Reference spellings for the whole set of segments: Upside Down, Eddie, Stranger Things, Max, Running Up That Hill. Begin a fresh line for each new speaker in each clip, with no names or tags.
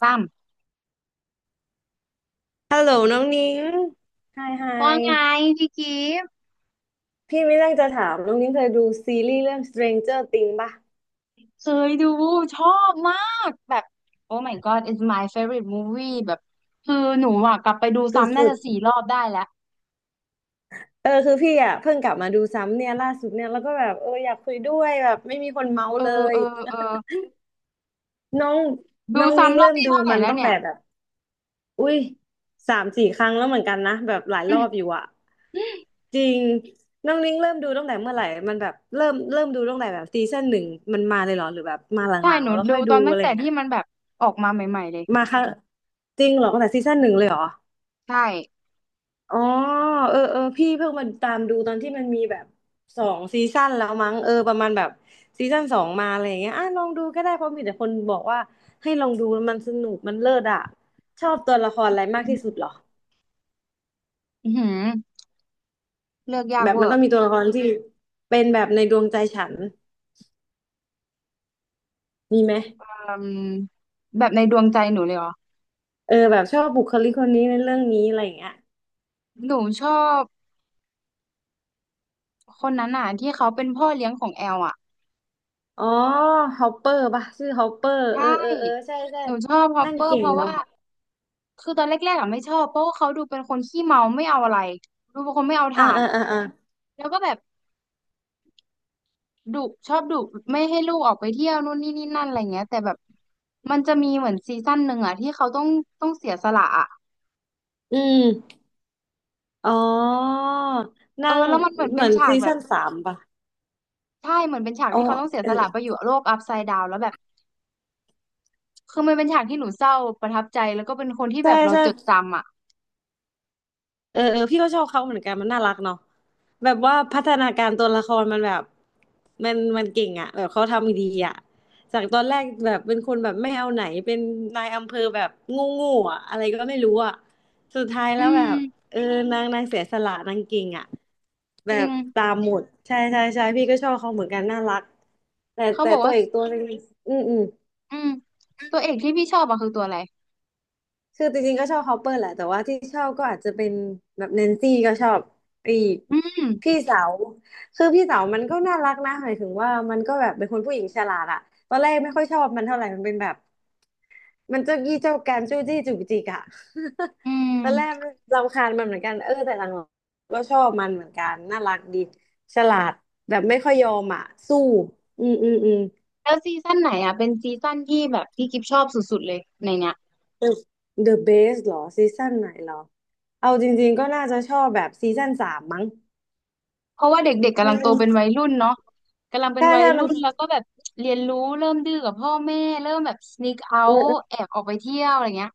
ซ้ำ
ฮัลโหลน้องนิ้งไฮไฮ
ว่าไงพี่กิฟต์
พี่ไม่เรื่องจะถามน้องนิ้งเคยดูซีรีส์เรื่อง Stranger Things ป่ะ
เคยดูชอบมากแบบ Oh my God it's my favorite movie แบบคือหนูอ่ะกลับไปดูซ้ำน่า
สุด
จะสี่รอบได้แล้ว
ๆ คือพี่อ่ะเพิ่งกลับมาดูซ้ำเนี่ยล่าสุดเนี่ยแล้วก็แบบอยากคุยด้วยแบบไม่มีคนเมาส์
เออ
เลย
เออเออ
น้อง
ดู
น้องนิ้ง
ซ้ำรอบ
เริ่ม
ที่
ดู
เท่าไหร่
มัน
แล้ว
ตั้ง
เนี่
แต่
ย
แบบอุ้ยสามสี่ครั้งแล้วเหมือนกันนะแบบหลาย
อื
รอบอ
ม
ยู่อ่ะจริงน้องนิ้งเริ่มดูตั้งแต่เมื่อไหร่มันแบบเริ่มดูตั้งแต่แบบซีซั่นหนึ่งมันมาเลยเหรอหรือแบบมาห
ใช่
ลังๆ
หนู
แล้ว
ดู
ค่อย
ต
ดู
อนตั้
อะ
ง
ไร
แต่
เงี้
ที่
ย
มันแบบออกมาใหม่ๆเลย
มาค่ะจริงเหรอตั้งแต่ซีซั่นหนึ่งเลยเหรอ
ใช่
อ๋อเออเออพี่เพิ่งมาตามดูตอนที่มันมีแบบสองซีซั่นแล้วมั้งเออประมาณแบบซีซั่นสองมาอะไรอย่างเงี้ยอ่ะลองดูก็ได้เพราะมีแต่คนบอกว่าให้ลองดูมันสนุกมันเลิศอ่ะชอบตัวละครอะไร
อื
มากที่สุด
ม
เหรอ
อื้อหือเลือกยา
แบ
ก
บ
เว
มั
อ
นต้อ
ร์
งมีตัวละครที่เป็นแบบในดวงใจฉันมีไหม
อืมแบบในดวงใจหนูเลยเหรอ
เออแบบชอบบุคลิกคนนี้ในเรื่องนี้อะไรอย่างเงี้ย
หนูชอบคนนั้นอ่ะที่เขาเป็นพ่อเลี้ยงของแอลอ่ะ
อ๋อฮอปเปอร์ป่ะชื่อฮอปเปอร์เออ
ใช่
เออเออใช่ใช่
หนูชอบฮอป
นั่น
เปอร์
เก่
เพ
ง
ราะว่า
เนาะ
คือตอนแรกๆอ่ะไม่ชอบเพราะว่าเขาดูเป็นคนขี้เมาไม่เอาอะไรดูเป็นคนไม่เอา
อ่า
ถ่าน
อ่าอ่า
แล้วก็แบบดุชอบดุไม่ให้ลูกออกไปเที่ยวนู่นนี่นี่นั่นอะไรเงี้ยแต่แบบมันจะมีเหมือนซีซั่นหนึ่งอ่ะที่เขาต้องเสียสละอ่ะ
อืมอ๋อ
เออ
นั่ง
แล้วมันเหมือน
เห
เป็
มื
น
อน
ฉาก
ซี
แบบ
ซั่นสามป่ะ
ใช่เหมือนเป็นฉาก
อ๋อ
ที่เขาต้องเสีย
เอ
ส
อ
ละไปอยู่โลกอัพไซด์ดาวแล้วแบบคือมันเป็นฉากที่หนูเศร้าประทับใจแล้วก็เป็นคนที่แบ
ใช่
บเรา
ใช่
จดจำอ่ะ
เออเออพี่ก็ชอบเขาเหมือนกันมันน่ารักเนาะแบบว่าพัฒนาการตัวละครมันแบบมันเก่งอะแบบเขาทำดีอะจากตอนแรกแบบเป็นคนแบบไม่เอาไหนเป็นนายอำเภอแบบงูงูอะอะไรก็ไม่รู้อะสุดท้าย
อื
แล้วแบบ
ม
เออนางเสียสละนางเก่งอะ
จ
แบ
ริง
บตามหมดใช่ใช่ใช่พี่ก็ชอบเขาเหมือนกันน่ารักแต่
เขา
แต่
บอก
ตัว
ว่า
อีกตัวหนึงอืมอืม
อืมตัวเอกที่พี่ชอบอะคือตัวอะไร
คือจริงๆก็ชอบฮอปเปอร์แหละแต่ว่าที่ชอบก็อาจจะเป็นแบบแนนซี่ก็ชอบอีก
อืม
พี่สาวคือพี่สาวมันก็น่ารักนะหมายถึงว่ามันก็แบบเป็นคนผู้หญิงฉลาดอะตอนแรกไม่ค่อยชอบมันเท่าไหร่มันเป็นแบบมันเจ้ากี้เจ้าการจู้จี้จุกจิกอะ
อืม
ตอนแรกรำคาญมันเหมือนกันเออแต่หลังๆก็ชอบมันเหมือนกันน่ารักดีฉลาดแบบไม่ค่อยยอมอะสู้อืมอืมอืม
แล้วซีซั่นไหนอ่ะเป็นซีซั่นที่แบบพี่กิฟชอบสุดๆเลยในเนี้ย
The The Best เหรอซีซั่นไหนเหรอเอาจริงๆก็น่าจะชอบแบบซีซั่นสามมั้ง
เพราะว่าเด็กๆ
อื
กำลังโตเป็นวัย
ม
รุ่นเนาะกำลังเป็น
ใช่
วัย
ใช่
รุ่
มัน
นแล้วก็แบบเรียนรู้เริ่มดื้อกับพ่อแม่เริ่มแบบ sneak
เออ
out
เออ
แอบออกไปเที่ยวอะไรเงี้ย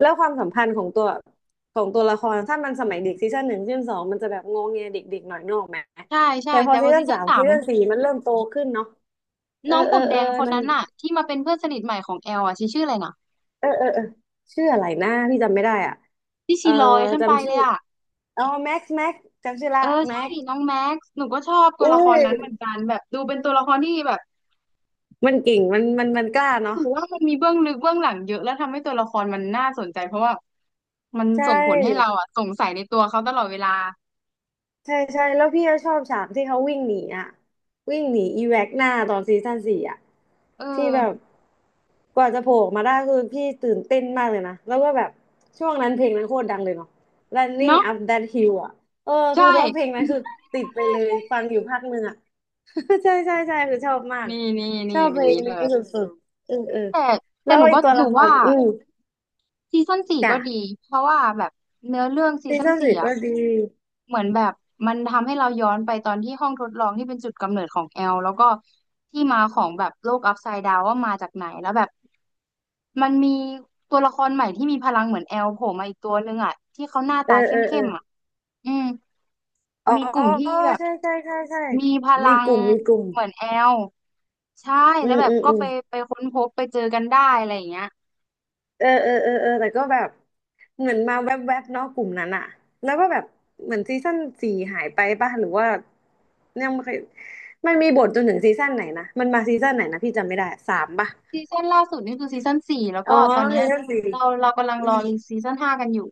แล้วความสัมพันธ์ของตัวละครถ้ามันสมัยเด็กซีซั่นหนึ่งซีซั่นสองมันจะแบบงงเงียเด็กๆหน่อยนึกออกไหม
ใช่ใช่
แต่พอ
แต่พ
ซี
อ
ซั่
ซี
น
ซั่
สา
น
ม
สา
ซี
ม
ซั่นสี่มันเริ่มโตขึ้นเนาะเออ
น้อง
เอ
ผ
อ
มแด
เออ
งคน
นั่น
นั้นอ่ะที่มาเป็นเพื่อนสนิทใหม่ของแอลอ่ะชื่ออะไรนะ
เออเออเออชื่ออะไรนะพี่จำไม่ได้อ่ะ
ที่
เอ
ชี
อ
ลอยขึ้นไป
จำชื่
เล
อ
ยอ่ะ
อ๋อแม็กซ์จำชื่อ
เอ
ละ
อใช่
แม็กซ์
น้องแม็กซ์หนูก็ชอบตัว
อุ้
ละคร
ย
นั้นเหมือนกันแบบดูเป็นตัวละครที่แบบ
มันเก่งมันกล้าเนาะ
ถือว่ามันมีเบื้องลึกเบื้องหลังเยอะแล้วทำให้ตัวละครมันน่าสนใจเพราะว่ามัน
ใช
ส่งผลให้เรา
่
อ่ะสงสัยในตัวเขาตลอดเวลา
ใช่ใช่แล้วพี่ก็ชอบฉากที่เขาวิ่งหนีอ่ะวิ่งหนีอีแว็กหน้าตอนซีซั่นสี่อ่ะ
เอ
ที่แบบ
อ
กว่าจะโผล่ออกมาได้คือพี่ตื่นเต้นมากเลยนะแล้วก็แบบช่วงนั้นเพลงนั้นโคตรดังเลยเนาะ Running
เนาะ
Up That Hill อ่ะเออ
ใช
คือแล้วเพลง
่
นั้นคือติดไปเลยฟังอยู่พักหนึ่งอ่ะ ใช่ใช่ใช่คือชอบมาก
นี่นี่
ชอ
นี่
บเพล
มี
ง
เล
นี้ส
ย
ุดๆเออเออ
แต่
แล้
แต่ห
ว
นู
ไอ้
ก็
ตัว
ห
ละ
นู
ค
ว่า
รอืม
ซีซั่นสี่
จ้ะ
ก็ดีเพราะว่าแบบเนื้อเรื่องซี
ซี
ซั่น
ซั่น
สี่
สี่
อ่ะ
ก็ดี
เหมือนแบบมันทำให้เราย้อนไปตอนที่ห้องทดลองที่เป็นจุดกำเนิดของแอลแล้วก็ที่มาของแบบโลกอัพไซด์ดาวว่ามาจากไหนแล้วแบบมันมีตัวละครใหม่ที่มีพลังเหมือนแอลโผล่มาอีกตัวนึงอ่ะที่เขาหน้า
เออ
ตาเข
เออเอ
้
อ
มๆอ่ะอืม
อ๋อ
มีกลุ่มที่แบบ
ใช่ใช่ใช่ใช่
มีพลั
มีก
ง
ลุ่มมีกลุ่ม
เหมือนแอลใช่
อื
แล้ว
ม
แบบ
อืม
ก็
อืม
ไปค้นพบไปเจอกันได้อะไรอย่างเงี้ย
เออเออเออเออแต่ก็แบบเหมือนมาแวบๆบเนาะกลุ่มนั้นอะแล้วก็แบบเหมือนซีซั่นสี่หายไปป่ะหรือว่ายังไม่เคยมันมีบทจนถึงซีซั่นไหนนะมันมาซีซั่นไหนนะพี่จำไม่ได้สามป่ะ
ซีซั่นล่าสุดนี่คือซีซั่นสี่แล้ว
อ๋อ
ก็ตอนเนี้
ซี
ย
ซั่นสี่
เรากำลัง
อื
ร
ม
อรีซีซั่นห้ากันอยู่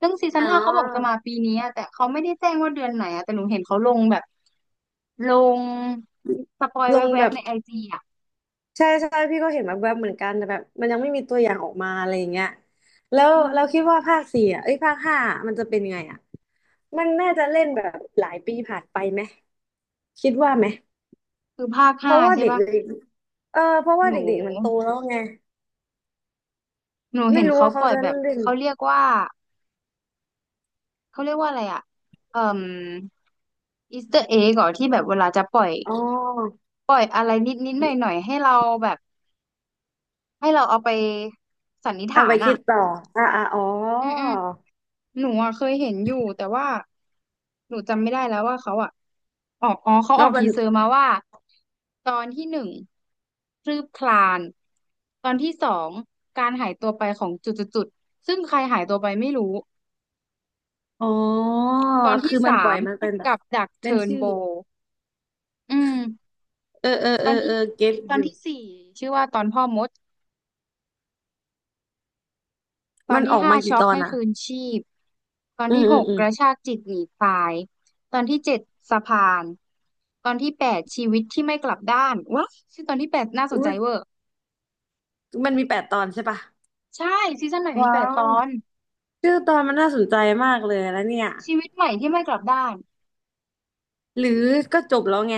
ซึ่งซีซั่
อ๋
น
อ
ห้าเขาบอกจะมาปีนี้อะแต่เขาไม่ได้แจ้งว่าเดือนไหนอะแต่หนูเห็นเขาลงแบบลงสปอย
ลง
แว
แบ
บ
บ
ๆในไอจีอะ
ใช่ใช่พี่ก็เห็นแบบเหมือนกันแต่แบบมันยังไม่มีตัวอย่างออกมาอะไรอย่างเงี้ยแล้ว
อื
เราคิด
ม
ว่าภาคสี่อ่ะเอ้ยภาคห้ามันจะเป็นยังไงอ่ะ มันน่าจะเล่นแบบหลายปีผ่านไปไหมคิดว่าไหม
คือภาค
เพ
ห้า
ราะว่า
ใช่
เด็
ปะ
กๆเออเพราะ
ห
ว่า
นู
เด็กๆมันโตแล้วไง
หนู
ไม่
เห็น
รู้
เขา
ว่า
ป
เขา
ล่อย
จะ
แบบ
เล่น
เขาเรียกว่าเขาเรียกว่าอะไรอะเอ่มอีสเตอร์เอ็กอที่แบบเวลาจะปล่อย
อ๋อ
ปล่อยอะไรนิดนิดหน่อยหน่อยๆให้เราแบบให้เราเอาไปสันนิษ
เอา
ฐา
ไป
น
คิ
อ่ะ
ดต่ออ่าอ่าอ๋อ
อืมอืม หนูอ่ะเคยเห็นอยู่แต่ว่าหนูจำไม่ได้แล้วว่าเขาอ่ะออกอ๋อเขา
แล้
ออ
ว
ก
มั
ที
น
เซอร์มาว่าตอนที่หนึ่งคืบคลานตอนที่สองการหายตัวไปของจุดจุดจุดซึ่งใครหายตัวไปไม่รู้
อ๋อ
ตอนที่
คือมัน
สา
ปล่อ
ม
ยมันเป็นแบบ
กับดัก
เป็น
เทิร์น
ชื่อ
โบอืม
เออเออ
ต
เอ
อน
อ
ที่
เออเก็ต
ตอ
อ
น
ยู่
ที่สี่ชื่อว่าตอนพ่อมด ตอ
มั
น
นอ
ที่
อก
ห้า
มากี่
ช็อ
ต
ก
อน
ให้
อ่ะ
ฟื้นชีพตอน
อืม
ที่ห
อืม
ก
อืม
กระชากจิตหนีตายตอนที่เจ็ดสะพานตอนที่แปดชีวิตที่ไม่กลับด้านว้าชื่อตอนที่แปดน่าสน
อุ้
ใจ
ย
เวอร์
มันมีแปดตอนใช่ปะ
ใช่ซีซั่นใหม่มีแป
ว้า
ดต
ว
อน
ชื่อตอนมันน่าสนใจมากเลยแล้วเนี่ย
ชีวิตใหม่ที่ไม่กลับด้าน
หรือก็จบแล้วไง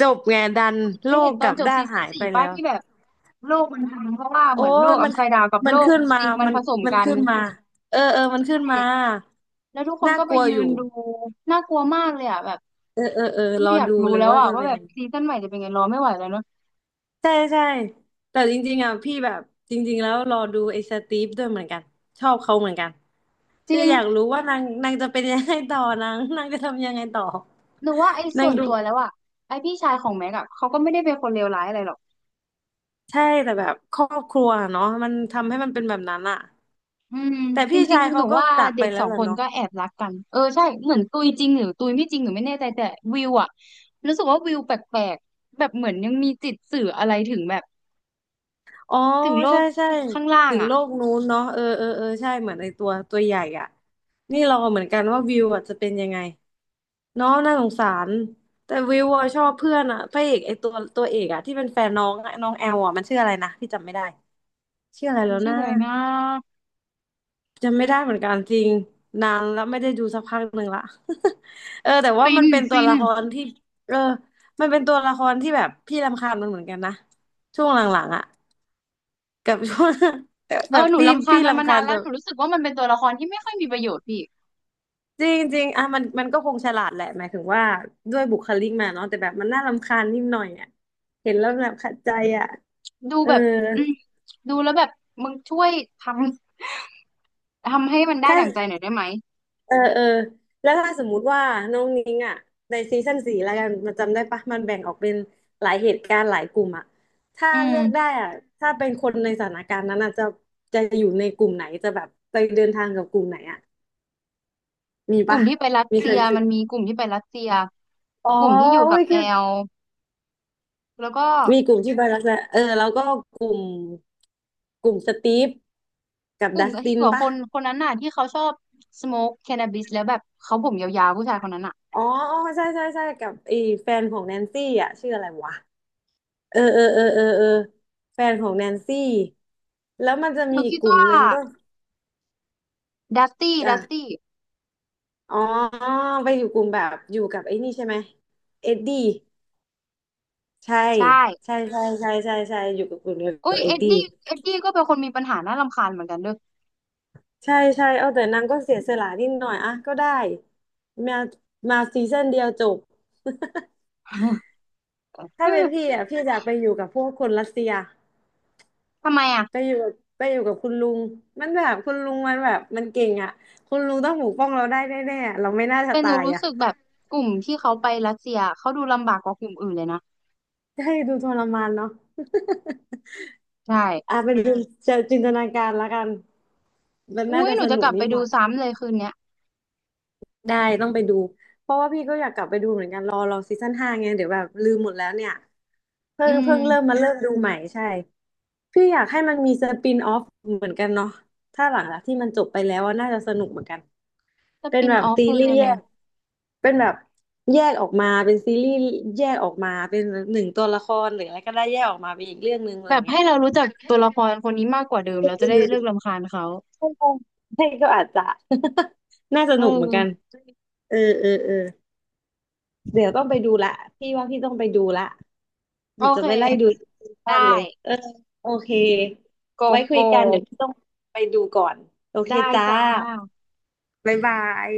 จบไงดัน
เค
โล
ยเห็
ก
นต
ก
อน
ลับ
จบ
ด้า
ซี
น
ซั่น
หายไป
สี่ป้า
แล้ว
ที่แบบโลกมันพังเพราะว่า
โอ้
เหมือนโล
ย
กอั
มั
s
น
ไซด์ดาวกับ
มั
โล
น
ก
ขึ้นมา
จริงมัน
มัน
ผสม
มัน
กัน
ขึ้นมาเออมันขึ้
ใช่
นมา
แล้วทุกคน
น่า
ก็
ก
ไป
ลัว
ยื
อ
น
ยู่
ดูน่ากลัวมากเลยอ่ะแบบ
เออร
ไม่
อ
อยาก
ดู
รู้
เลย
แล้ว
ว่า
อ่ะ
จะ
ว่า
เป็น
แบบ
ยังไง
ซีซั่นใหม่จะเป็นไงรอไม่ไหวแล้วเนอะ
ใช่ใช่แต่จริงๆอ่ะพี่แบบจริงๆแล้วรอดูไอ้สตีฟด้วยเหมือนกันชอบเขาเหมือนกัน
จ
คื
ริ
อ
ง
อยากรู้ว่านางจะเป็นยังไงต่อนาง นางจะทำยังไงต่อ
หนูว่าไอ้
นา
ส่
ง
วน
ดู
ตัวแล้วอะไอ้พี่ชายของแม็กอะเขาก็ไม่ได้เป็นคนเลวร้ายอะไรหรอก
ใช่แต่แบบครอบครัวเนาะมันทำให้มันเป็นแบบนั้นอะ
อืม
แต่
จ
พี่
ริง
ชาย
ๆห
เขา
นู
ก็
ว่า
จาก
เด็
ไป
ก
แล้
ส
ว
อง
ล่ะ
คน
เนาะ
ก็แอบรักกันเออใช่เหมือนตุยจริงหรือตุยไม่จริงหนูไม่แน่ใจแต่วิวอะรู้สึกว่าวิวแปลกๆแบบเหมือนยังมีจิตสื่ออะไรถึงแบบ
อ๋อ
ถึงโล
ใช่
ก
ใช่
ข้างล่าง
ถึง
อะ
โลกนู้นเนาะเออใช่เหมือนไอตัวตัวใหญ่อ่ะนี่รอเหมือนกันว่าวิวอ่ะจะเป็นยังไงเนาะน่าสงสารแต่วิวอ่ะชอบเพื่อนอ่ะพระเอกไอตัวตัวเอกอ่ะที่เป็นแฟนน้องอะน้องแอลอ่ะมันชื่ออะไรนะพี่จำไม่ได้ชื่ออะไร
มัน
แล้ว
ชื่อ
นะ
อะไรนะ
จำไม่ได้เหมือนกันจริงนานแล้วไม่ได้ดูสักพักหนึ่งละ เออแต่ว่า
ฟิ
มั
น
นเป็นตัว
ฟิน
ละครที่เออมันเป็นตัวละครที่แบบพี่รำคาญมันเหมือนกันนะช่วงหลังๆอ่ะ กับช่วง
เอ
แบ
อ
บ
หนู
พี่
รำคาญ
พี่
มันมา
รำคา
นา
ญ
นแล้
ตั
ว
ว
หนูรู้สึกว่ามันเป็นตัวละครที่ไม่ค่อยมีประโยชน์พี่
จริงจริงอ่ะมันก็คงฉลาดแหละหมายถึงว่าด้วยบุคลิกมาเนาะแต่แบบมันน่ารำคาญนิดหน่อยอ่ะเห็นแล้วแบบขัดใจอ่ะ
ดู
เออ
แบบอืมดูแล้วแบบมึงช่วยททำให้มันได้
ถ้า
ดั่งใจหน่อยได้ไหม
เออแล้วถ้าสมมุติว่าน้องนิ้งอ่ะในซีซั่นสี่แล้วกันมันจำได้ปะมันแบ่งออกเป็นหลายเหตุการณ์หลายกลุ่มอ่ะถ้า
อืม
เลือกได้อ่ะถ้าเป็นคนในสถานการณ์นั้นอ่ะจะจะอยู่ในกลุ่มไหนจะแบบไปเดินทางกับกลุ่มไหนอ่ะมี
กลุ่
ปะ
มที่ไปรัส
มี
เซี
ใคร
ย
คิ
มั
ด
นมีกลุ่มที่ไปรัสเซีย
อ๋อ
กลุ่มที่อยู่กั
อุ้
บ
ย
แอลแล้วก็
มีกลุ่มที่ไปลักษณะเออแล้วก็กลุ่มกลุ่มสตีฟกับ
กลุ่ม
ดัส
ที่
ติ
อ
น
ยู่กับค
ป่ะ
นคนนั้นน่ะที่เขาชอบสโมกแค n น a บิสแล้วแบบเขาผมยาวๆผู้ชายคนนั้นน่ะ
อ๋ออ๋อใช่ใช่ใช่กับไอ้แฟนของแนนซี่อ่ะชื่ออะไรวะเออแฟนของแนนซี่แล้วมันจะ
ห
มี
นู
อีก
คิด
กลุ่ม
ว่า
หนึ่งก็
ดัสตี้ดัส
อ่ะ
ตี้
อ๋อไปอยู่กลุ่มแบบอยู่กับไอ้นี่ใช่ไหมเอ็ดดี้ใช่
ใช่
ใช่ใช่ใช่ใช่ใช่อยู่กับกลุ่มเดียว
โอ้
กั
ย
บเอ็
เอ็
ด
ด
ดี้
ดี้เอ็ดดี้ก็เป็นคนมีปัญหาน่ารำคาญเหมือนกันเด้อ
ใช่ใช่เอาแต่นางก็เสียสละนิดหน่อยอ่ะก็ได้มามาซีซั่นเดียวจบ ถ้าเป็นพี่ อ่ะพี่อยากไปอยู่กับพวกคนรัสเซีย
ทำไมอ่ะ
ไปอยู่กับไปอยู่กับคุณลุงมันแบบคุณลุงมันแบบมันเก่งอ่ะคุณลุงต้องปกป้องเราได้แน่ๆอะเราไม่น่าจะ
แต่หนู
ตาย
รู้
อ่ะ
สึกแบบกลุ่มที่เขาไปรัสเซียเขาดูลำบากกว่ากลุ่มอื่นเลยนะ
ให้ดูทรมานเนาะ
ใช่
อ่ะเป็นดูจะจินตนาการละกันมันน่า
อุ้ย
จะ
หนู
ส
จะ
นุ
ก
ก
ลับ
นิ
ไป
ดห
ดู
น่อย
ซ้ำเลยคืนเนี้ย
ได้ต้องไปดูเพราะว่าพี่ก็อยากกลับไปดูเหมือนกันรอซีซั่นห้าไงเดี๋ยวแบบลืมหมดแล้วเนี่ย เพิ่
อื
งเพิ่งเริ่ม
ม
มาเริ่มดูใหม่ใช่พี่อยากให้มันมีสปินออฟเหมือนกันเนาะถ้าหลังจากที่มันจบไปแล้วอะน่าจะสนุกเหมือนกัน
ส
เป็น
ปิน
แบบ
ออฟ
ซีรี
คือ
ส์
อะ
แย
ไร
กเป็นแบบแยกออกมาเป็นซีรีส์แยกออกมาเป็นหนึ่งตัวละครหรืออะไรก็ได้แยกออกมาเป็นอีกเรื่องหนึ่งอะไร
แบบ
เงี้ย
ให้เรารู้จักตัวละครคนนี้มากกว่าเดิม
อ
เราจะ
ื
ได้เลิก
ม
รำคาญเขา
ใช่ก็อาจจะ น่าส
เอ
นุกเหมือนกัน
อ
เออ เดี๋ยวต้องไปดูละพี่ว่าพี่ต้องไปดูละ
โอ
เดี๋ยวจะ
เ
ไปไล่ดู
ค
ซีซั่น
ได้
เลยเออโอเค
โก
ไว้คุย
โก้
กันเดี๋ยวพี่ต้องไปดูก่อนโอเค
ได้
จ้า
จ้า
บ๊ายบาย